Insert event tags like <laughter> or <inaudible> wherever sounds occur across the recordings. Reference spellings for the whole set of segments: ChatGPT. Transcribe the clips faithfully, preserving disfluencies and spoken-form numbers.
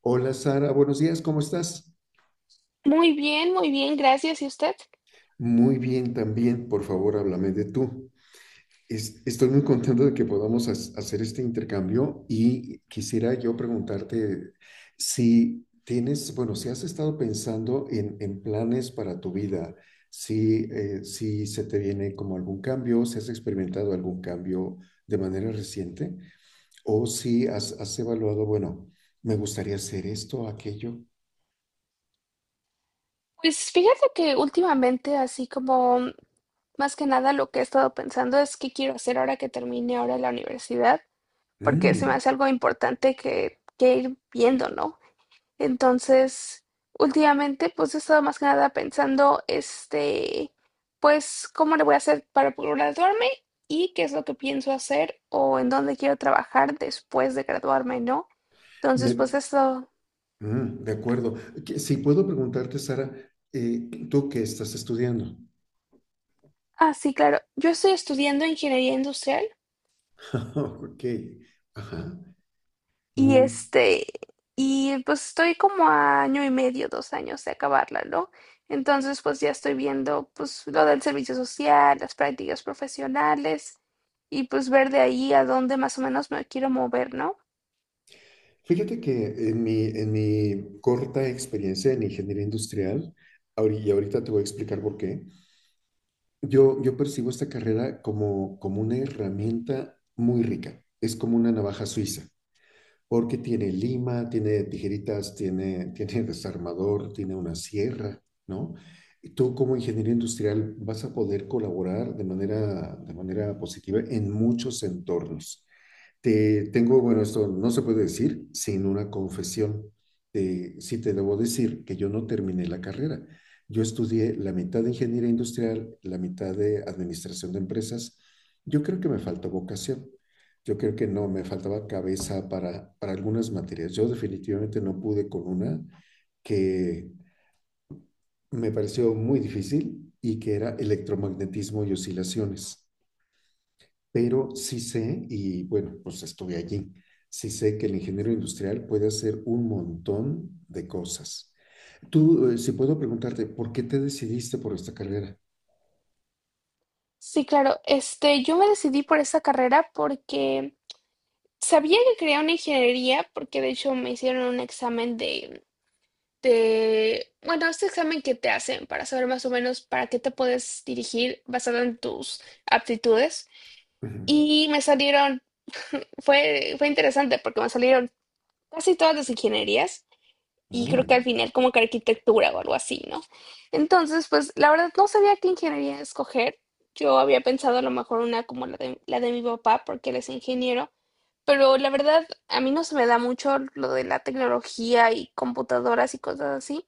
Hola Sara, buenos días, ¿cómo estás? Muy bien, muy bien, gracias. ¿Y usted? Muy bien también, por favor, háblame de tú. Es- estoy muy contento de que podamos has- hacer este intercambio y quisiera yo preguntarte si tienes, bueno, si has estado pensando en, en planes para tu vida, si, eh, si se te viene como algún cambio, si has experimentado algún cambio de manera reciente o si has, has evaluado, bueno, me gustaría hacer esto, aquello. Pues fíjate que últimamente, así como mm, más que nada lo que he estado pensando es qué quiero hacer ahora que termine ahora la universidad, porque se me Mm. hace algo importante que, que ir viendo, ¿no? Entonces, últimamente, pues he estado más que nada pensando, este, pues, ¿cómo le voy a hacer para graduarme? Y qué es lo que pienso hacer o en dónde quiero trabajar después de graduarme, ¿no? Entonces, pues Me, eso. Mm, de acuerdo. Que- Si puedo preguntarte, Sara, eh, ¿tú qué estás estudiando? Ah, sí, claro. Yo estoy estudiando ingeniería industrial <laughs> Ok, ajá, y muy. este, y pues estoy como a año y medio, dos años de acabarla, ¿no? Entonces, pues ya estoy viendo pues lo del servicio social, las prácticas profesionales y pues ver de ahí a dónde más o menos me quiero mover, ¿no? Fíjate que en mi, en mi corta experiencia en ingeniería industrial, ahori- y ahorita te voy a explicar por qué, yo, yo percibo esta carrera como, como una herramienta muy rica. Es como una navaja suiza, porque tiene lima, tiene tijeritas, tiene, <laughs> tiene desarmador, tiene una sierra, ¿no? Y tú como ingeniero industrial vas a poder colaborar de manera, de manera positiva en muchos entornos. Te tengo, bueno, esto no se puede decir sin una confesión. Eh, sí te debo decir que yo no terminé la carrera. Yo estudié la mitad de ingeniería industrial, la mitad de administración de empresas. Yo creo que me faltó vocación. Yo creo que no, me faltaba cabeza para, para algunas materias. Yo definitivamente no pude con una que me pareció muy difícil y que era electromagnetismo y oscilaciones, pero sí sé, y bueno, pues estuve allí, sí sé que el ingeniero industrial puede hacer un montón de cosas. Tú, eh, si puedo preguntarte, ¿por qué te decidiste por esta carrera? Sí, claro. Este, yo me decidí por esa carrera porque sabía que quería una ingeniería porque de hecho me hicieron un examen de Te, bueno, este examen que te hacen para saber más o menos para qué te puedes dirigir basado en tus aptitudes. Ujú. Y me salieron, fue, fue interesante porque me salieron casi todas las ingenierías y Ah. creo que al final como que arquitectura o algo así, ¿no? Entonces, pues la verdad no sabía qué ingeniería escoger. Yo había pensado a lo mejor una como la de, la de mi papá porque él es ingeniero. Pero la verdad, a mí no se me da mucho lo de la tecnología y computadoras y cosas así.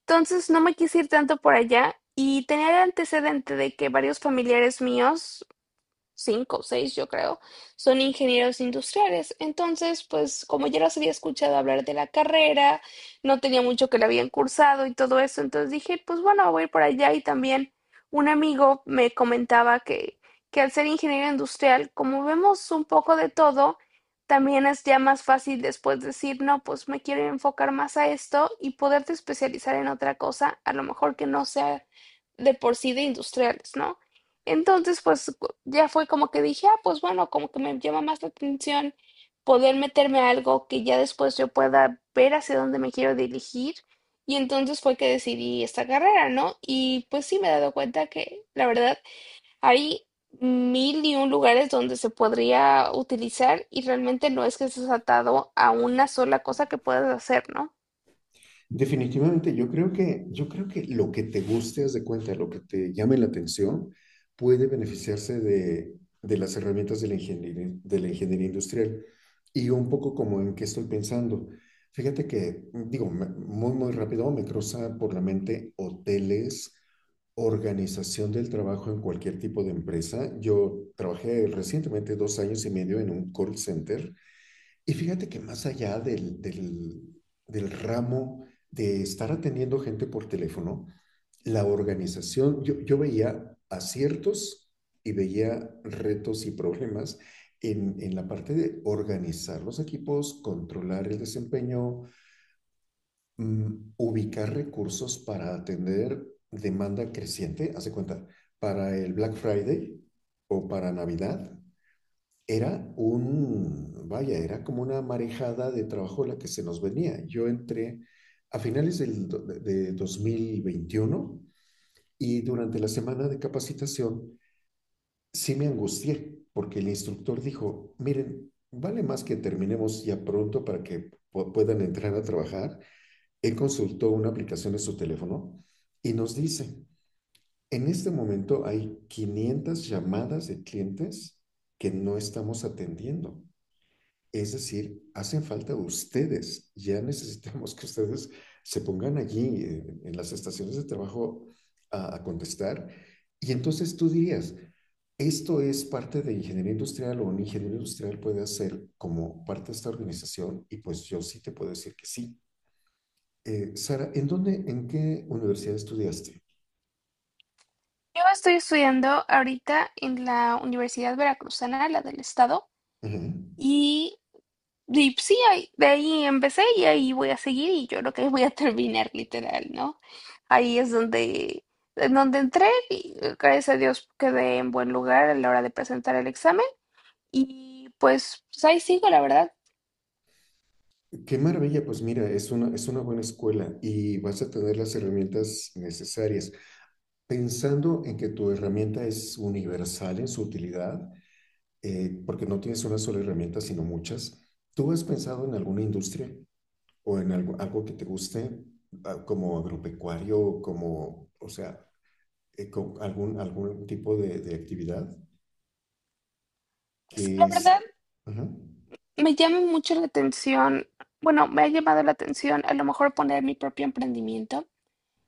Entonces no me quise ir tanto por allá y tenía el antecedente de que varios familiares míos, cinco o seis, yo creo, son ingenieros industriales. Entonces, pues como ya los había escuchado hablar de la carrera, no tenía mucho que la habían cursado y todo eso, entonces dije, pues bueno, voy a ir por allá. Y también un amigo me comentaba que, que al ser ingeniero industrial, como vemos un poco de todo, también es ya más fácil después decir, no, pues me quiero enfocar más a esto y poderte especializar en otra cosa, a lo mejor que no sea de por sí de industriales, ¿no? Entonces, pues ya fue como que dije, ah, pues bueno, como que me llama más la atención poder meterme a algo que ya después yo pueda ver hacia dónde me quiero dirigir. Y entonces fue que decidí esta carrera, ¿no? Y pues sí me he dado cuenta que, la verdad, hay mil y un lugares donde se podría utilizar y realmente no es que estés atado a una sola cosa que puedas hacer, ¿no? Definitivamente, yo creo que, yo creo que lo que te guste, haz de cuenta, lo que te llame la atención, puede beneficiarse de, de las herramientas de la ingeniería, de la ingeniería industrial. Y un poco como en qué estoy pensando. Fíjate que, digo, me- muy, muy rápido me cruza por la mente hoteles, organización del trabajo en cualquier tipo de empresa. Yo trabajé recientemente dos años y medio en un call center y fíjate que más allá del, del, del ramo de estar atendiendo gente por teléfono, la organización, yo, yo veía aciertos y veía retos y problemas en, en la parte de organizar los equipos, controlar el desempeño, mm, ubicar recursos para atender demanda creciente, hace cuenta, para el Black Friday o para Navidad era un, vaya, era como una marejada de trabajo la que se nos venía. Yo entré a finales del, do- de dos mil veintiuno y durante la semana de capacitación sí me angustié porque el instructor dijo, miren, vale más que terminemos ya pronto para que pu- puedan entrar a trabajar. Él consultó una aplicación en su teléfono y nos dice, en este momento hay quinientas llamadas de clientes que no estamos atendiendo. Es decir, hacen falta ustedes. Ya necesitamos que ustedes se pongan allí, eh, en las estaciones de trabajo a, a contestar. Y entonces tú dirías, ¿esto es parte de ingeniería industrial o un ingeniero industrial puede hacer como parte de esta organización? Y pues yo sí te puedo decir que sí. Eh, Sara, ¿en dónde, en qué universidad estudiaste? Yo estoy estudiando ahorita en la Universidad Veracruzana, la del Estado, Ajá. y. Y pues, sí, ahí- de ahí empecé y ahí voy a seguir y yo creo que voy a <laughs> terminar literal, ¿no? Ahí es donde, en donde entré y eh, gracias a Dios quedé en buen lugar a la hora de presentar el examen y pues, pues ahí sigo, la verdad. Qué maravilla, pues mira, es una, es una buena escuela y vas a tener las herramientas necesarias. Pensando en que tu herramienta es universal en su utilidad, eh, porque no tienes una sola herramienta, sino muchas, ¿tú has pensado en alguna industria o en algo, algo que te guste, ah, como agropecuario, como, o sea, eh, con algún, algún tipo de, de actividad Pues, que la verdad es... Ajá, me llama mucho la atención, bueno, me ha llamado la atención a lo mejor poner mi propio emprendimiento,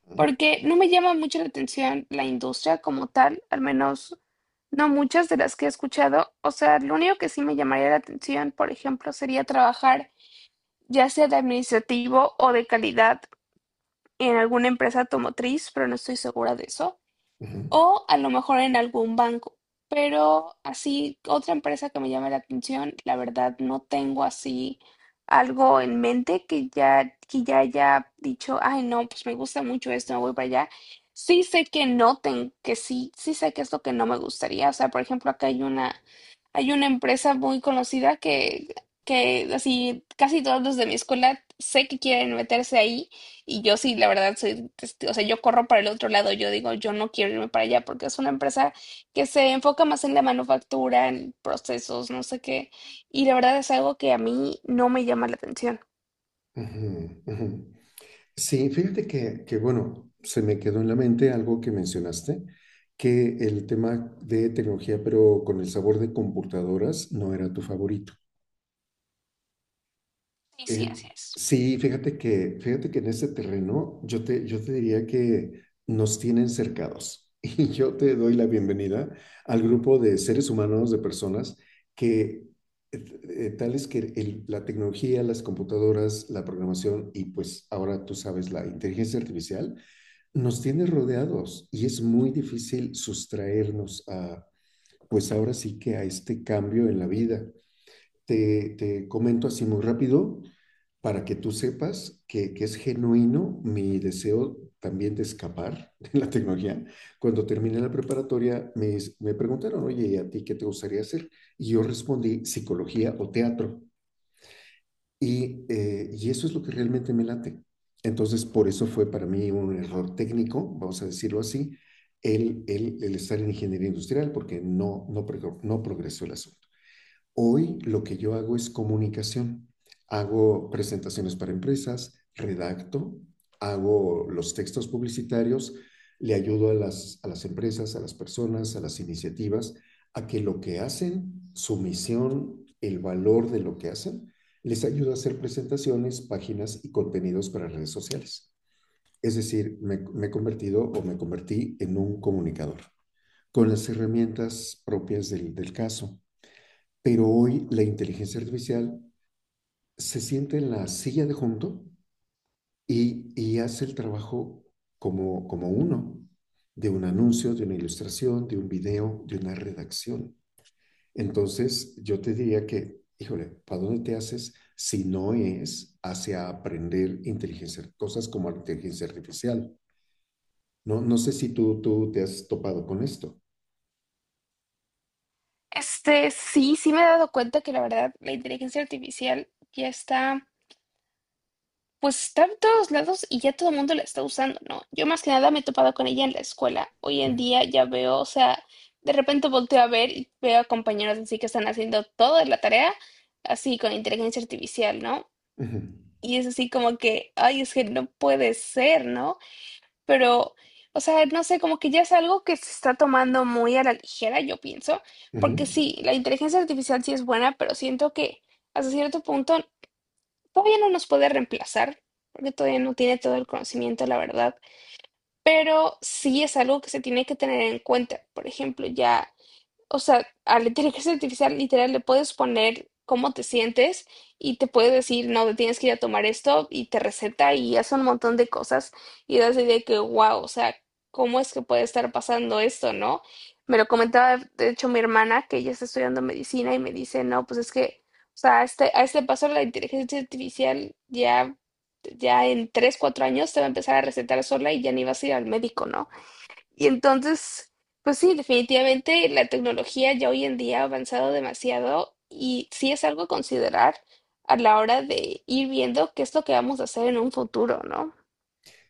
ajá, porque no me llama mucho la atención la industria como tal, al menos no muchas de las que he escuchado. O sea, lo único que sí me llamaría la atención, por ejemplo, sería trabajar ya sea de administrativo o de calidad en alguna empresa automotriz, pero no estoy segura de eso. ajá, O a lo mejor en algún banco. Pero así, otra empresa que me llame la atención, la verdad no tengo así algo en mente que ya, que ya haya dicho, ay no, pues me gusta mucho esto, me voy para allá. Sí sé que no tengo, que sí, sí sé que es lo que no me gustaría. O sea, por ejemplo, acá hay una, hay una empresa muy conocida que, que así casi todos los de mi escuela sé que quieren meterse ahí y yo sí, la verdad, soy, testi- o sea, yo corro para el otro lado, yo digo, yo no quiero irme para allá porque es una empresa que se enfoca más en la manufactura, en procesos, no sé qué, y la verdad es algo que a mí no me llama la atención. ajá, ajá. Sí, fíjate que, que, bueno, se me quedó en la mente algo que mencionaste, que el tema de tecnología, pero con el sabor de computadoras, no era tu favorito. Sí, sí, Eh, así es. sí, fíjate que, fíjate que en este terreno yo te, yo te diría que nos tienen cercados <laughs> y yo te doy la bienvenida al grupo de seres humanos, de personas que eh, eh, tales que el- la tecnología, las computadoras, la programación y pues ahora tú sabes la inteligencia artificial nos tiene rodeados y es muy difícil sustraernos a, pues ahora sí que a este cambio en la vida. Te, te comento así muy rápido para que tú sepas que, que es genuino mi deseo también de escapar de la tecnología. Cuando terminé la preparatoria, me, me preguntaron, oye, ¿y a ti qué te gustaría hacer? Y yo respondí, psicología o teatro. Y, eh, y eso es lo que realmente me late. Entonces, por eso fue para mí un error técnico, vamos a decirlo así, el, el, el estar en ingeniería industrial, porque no, no, no progresó el asunto. Hoy lo que yo hago es comunicación. Hago presentaciones para empresas, redacto, hago los textos publicitarios, le ayudo a las, a las empresas, a las personas, a las iniciativas, a que lo que hacen, su misión, el valor de lo que hacen, les ayudo a hacer presentaciones, páginas y contenidos para redes sociales. Es decir, me, me he convertido o me convertí en un comunicador con las herramientas propias del, del caso, pero hoy la inteligencia artificial se siente en la silla de junto y, y hace el trabajo como, como uno, de un anuncio, de una ilustración, de un video, de una redacción. Entonces, yo te diría que, híjole, ¿para dónde te haces si no es hacia aprender inteligencia, cosas como la inteligencia artificial? No, no sé si tú, tú te has topado con esto. Este, sí, sí me he dado cuenta que la verdad la inteligencia artificial ya está. Pues está en todos lados y ya todo el mundo la está usando, ¿no? Yo más que nada me he topado con ella en la escuela. Hoy en día ya veo, o sea, de repente volteo a ver y veo a compañeros así que están haciendo toda la tarea, así con inteligencia artificial, ¿no? Ujú, Y es así como que, ay, es que no puede ser, ¿no? Pero, o sea, no sé, como que ya es algo que se está tomando muy a la ligera, yo pienso, ujú. porque sí, la inteligencia artificial sí es buena, pero siento que hasta cierto punto todavía no nos puede reemplazar, porque todavía no tiene todo el conocimiento, la verdad, pero sí es algo que se tiene que tener en cuenta. Por ejemplo, ya o sea, a la inteligencia artificial literal le puedes poner cómo te sientes y te puede decir, no, te tienes que ir a tomar esto y te receta y hace un montón de cosas y das la idea de que, wow, o sea, ¿cómo es que puede estar pasando esto, no? Me lo comentaba, de hecho, mi hermana, que ella está estudiando medicina y me dice, no, pues es que, o sea, a este, a este paso la inteligencia artificial ya, ya en tres, cuatro años te va a empezar a recetar sola y ya ni vas a ir al médico, ¿no? Y entonces, pues sí, definitivamente la tecnología ya hoy en día ha avanzado demasiado y sí es algo a considerar a la hora de ir viendo qué es lo que vamos a hacer en un futuro, ¿no?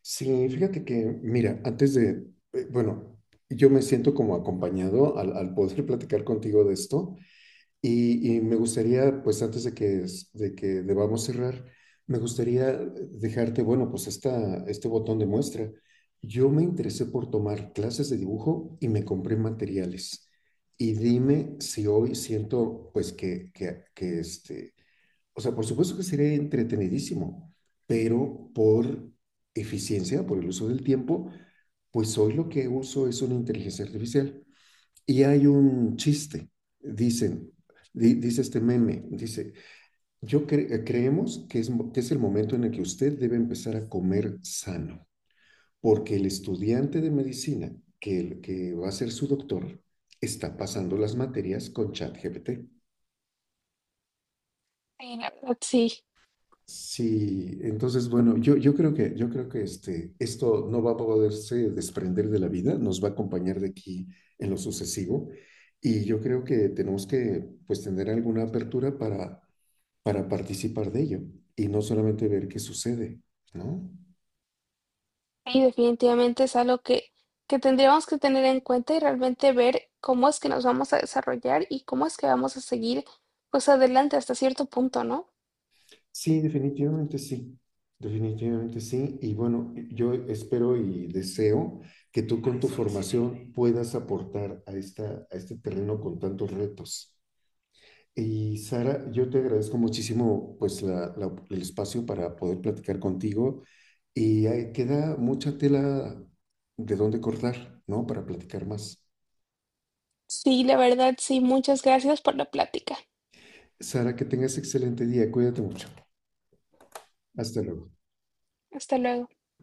Sí, fíjate que, mira, antes de, eh, bueno, yo me siento como acompañado al, al poder <laughs> platicar contigo de esto y, y me gustaría, pues antes de que, es- de que debamos cerrar, me gustaría dejarte, bueno, pues esta, este botón de muestra. Yo me interesé por tomar clases de dibujo y me compré materiales. Y dime si hoy siento, pues, que, que, que, este, o sea, por supuesto que sería entretenidísimo, pero por eficiencia, por el uso del tiempo, pues hoy lo que uso es una inteligencia artificial. Y hay un chiste, dicen, di- dice este meme, dice, yo cre- creemos que es, que es el momento en el que usted debe empezar a comer sano, porque el estudiante de medicina que, el- que va a ser su doctor está pasando las materias con ChatGPT. Sí, la verdad. Ah, sí, Sí, entonces, bueno, yo, yo creo que, yo creo que este, esto no va a poderse desprender de la vida, nos va a acompañar de aquí en lo sucesivo y yo creo que tenemos que pues tener alguna apertura para, para participar de ello y no solamente ver qué sucede, ¿no? sí, definitivamente es algo que, que tendríamos que tener en cuenta y realmente ver cómo es que nos vamos a desarrollar y cómo es que vamos a seguir pues adelante hasta cierto punto, ¿no? Sí, definitivamente sí, definitivamente sí y bueno, yo espero y deseo que tú con tu formación puedas aportar a esta, a este terreno con tantos retos. Y Sara, yo te agradezco muchísimo pues la- la- el espacio para poder platicar contigo y ahí queda mucha tela de dónde cortar, ¿no? Para platicar más. Sí, la verdad, sí, muchas gracias por la plática. Sara, que tengas excelente día, cuídate mucho. Hasta luego. Hasta luego.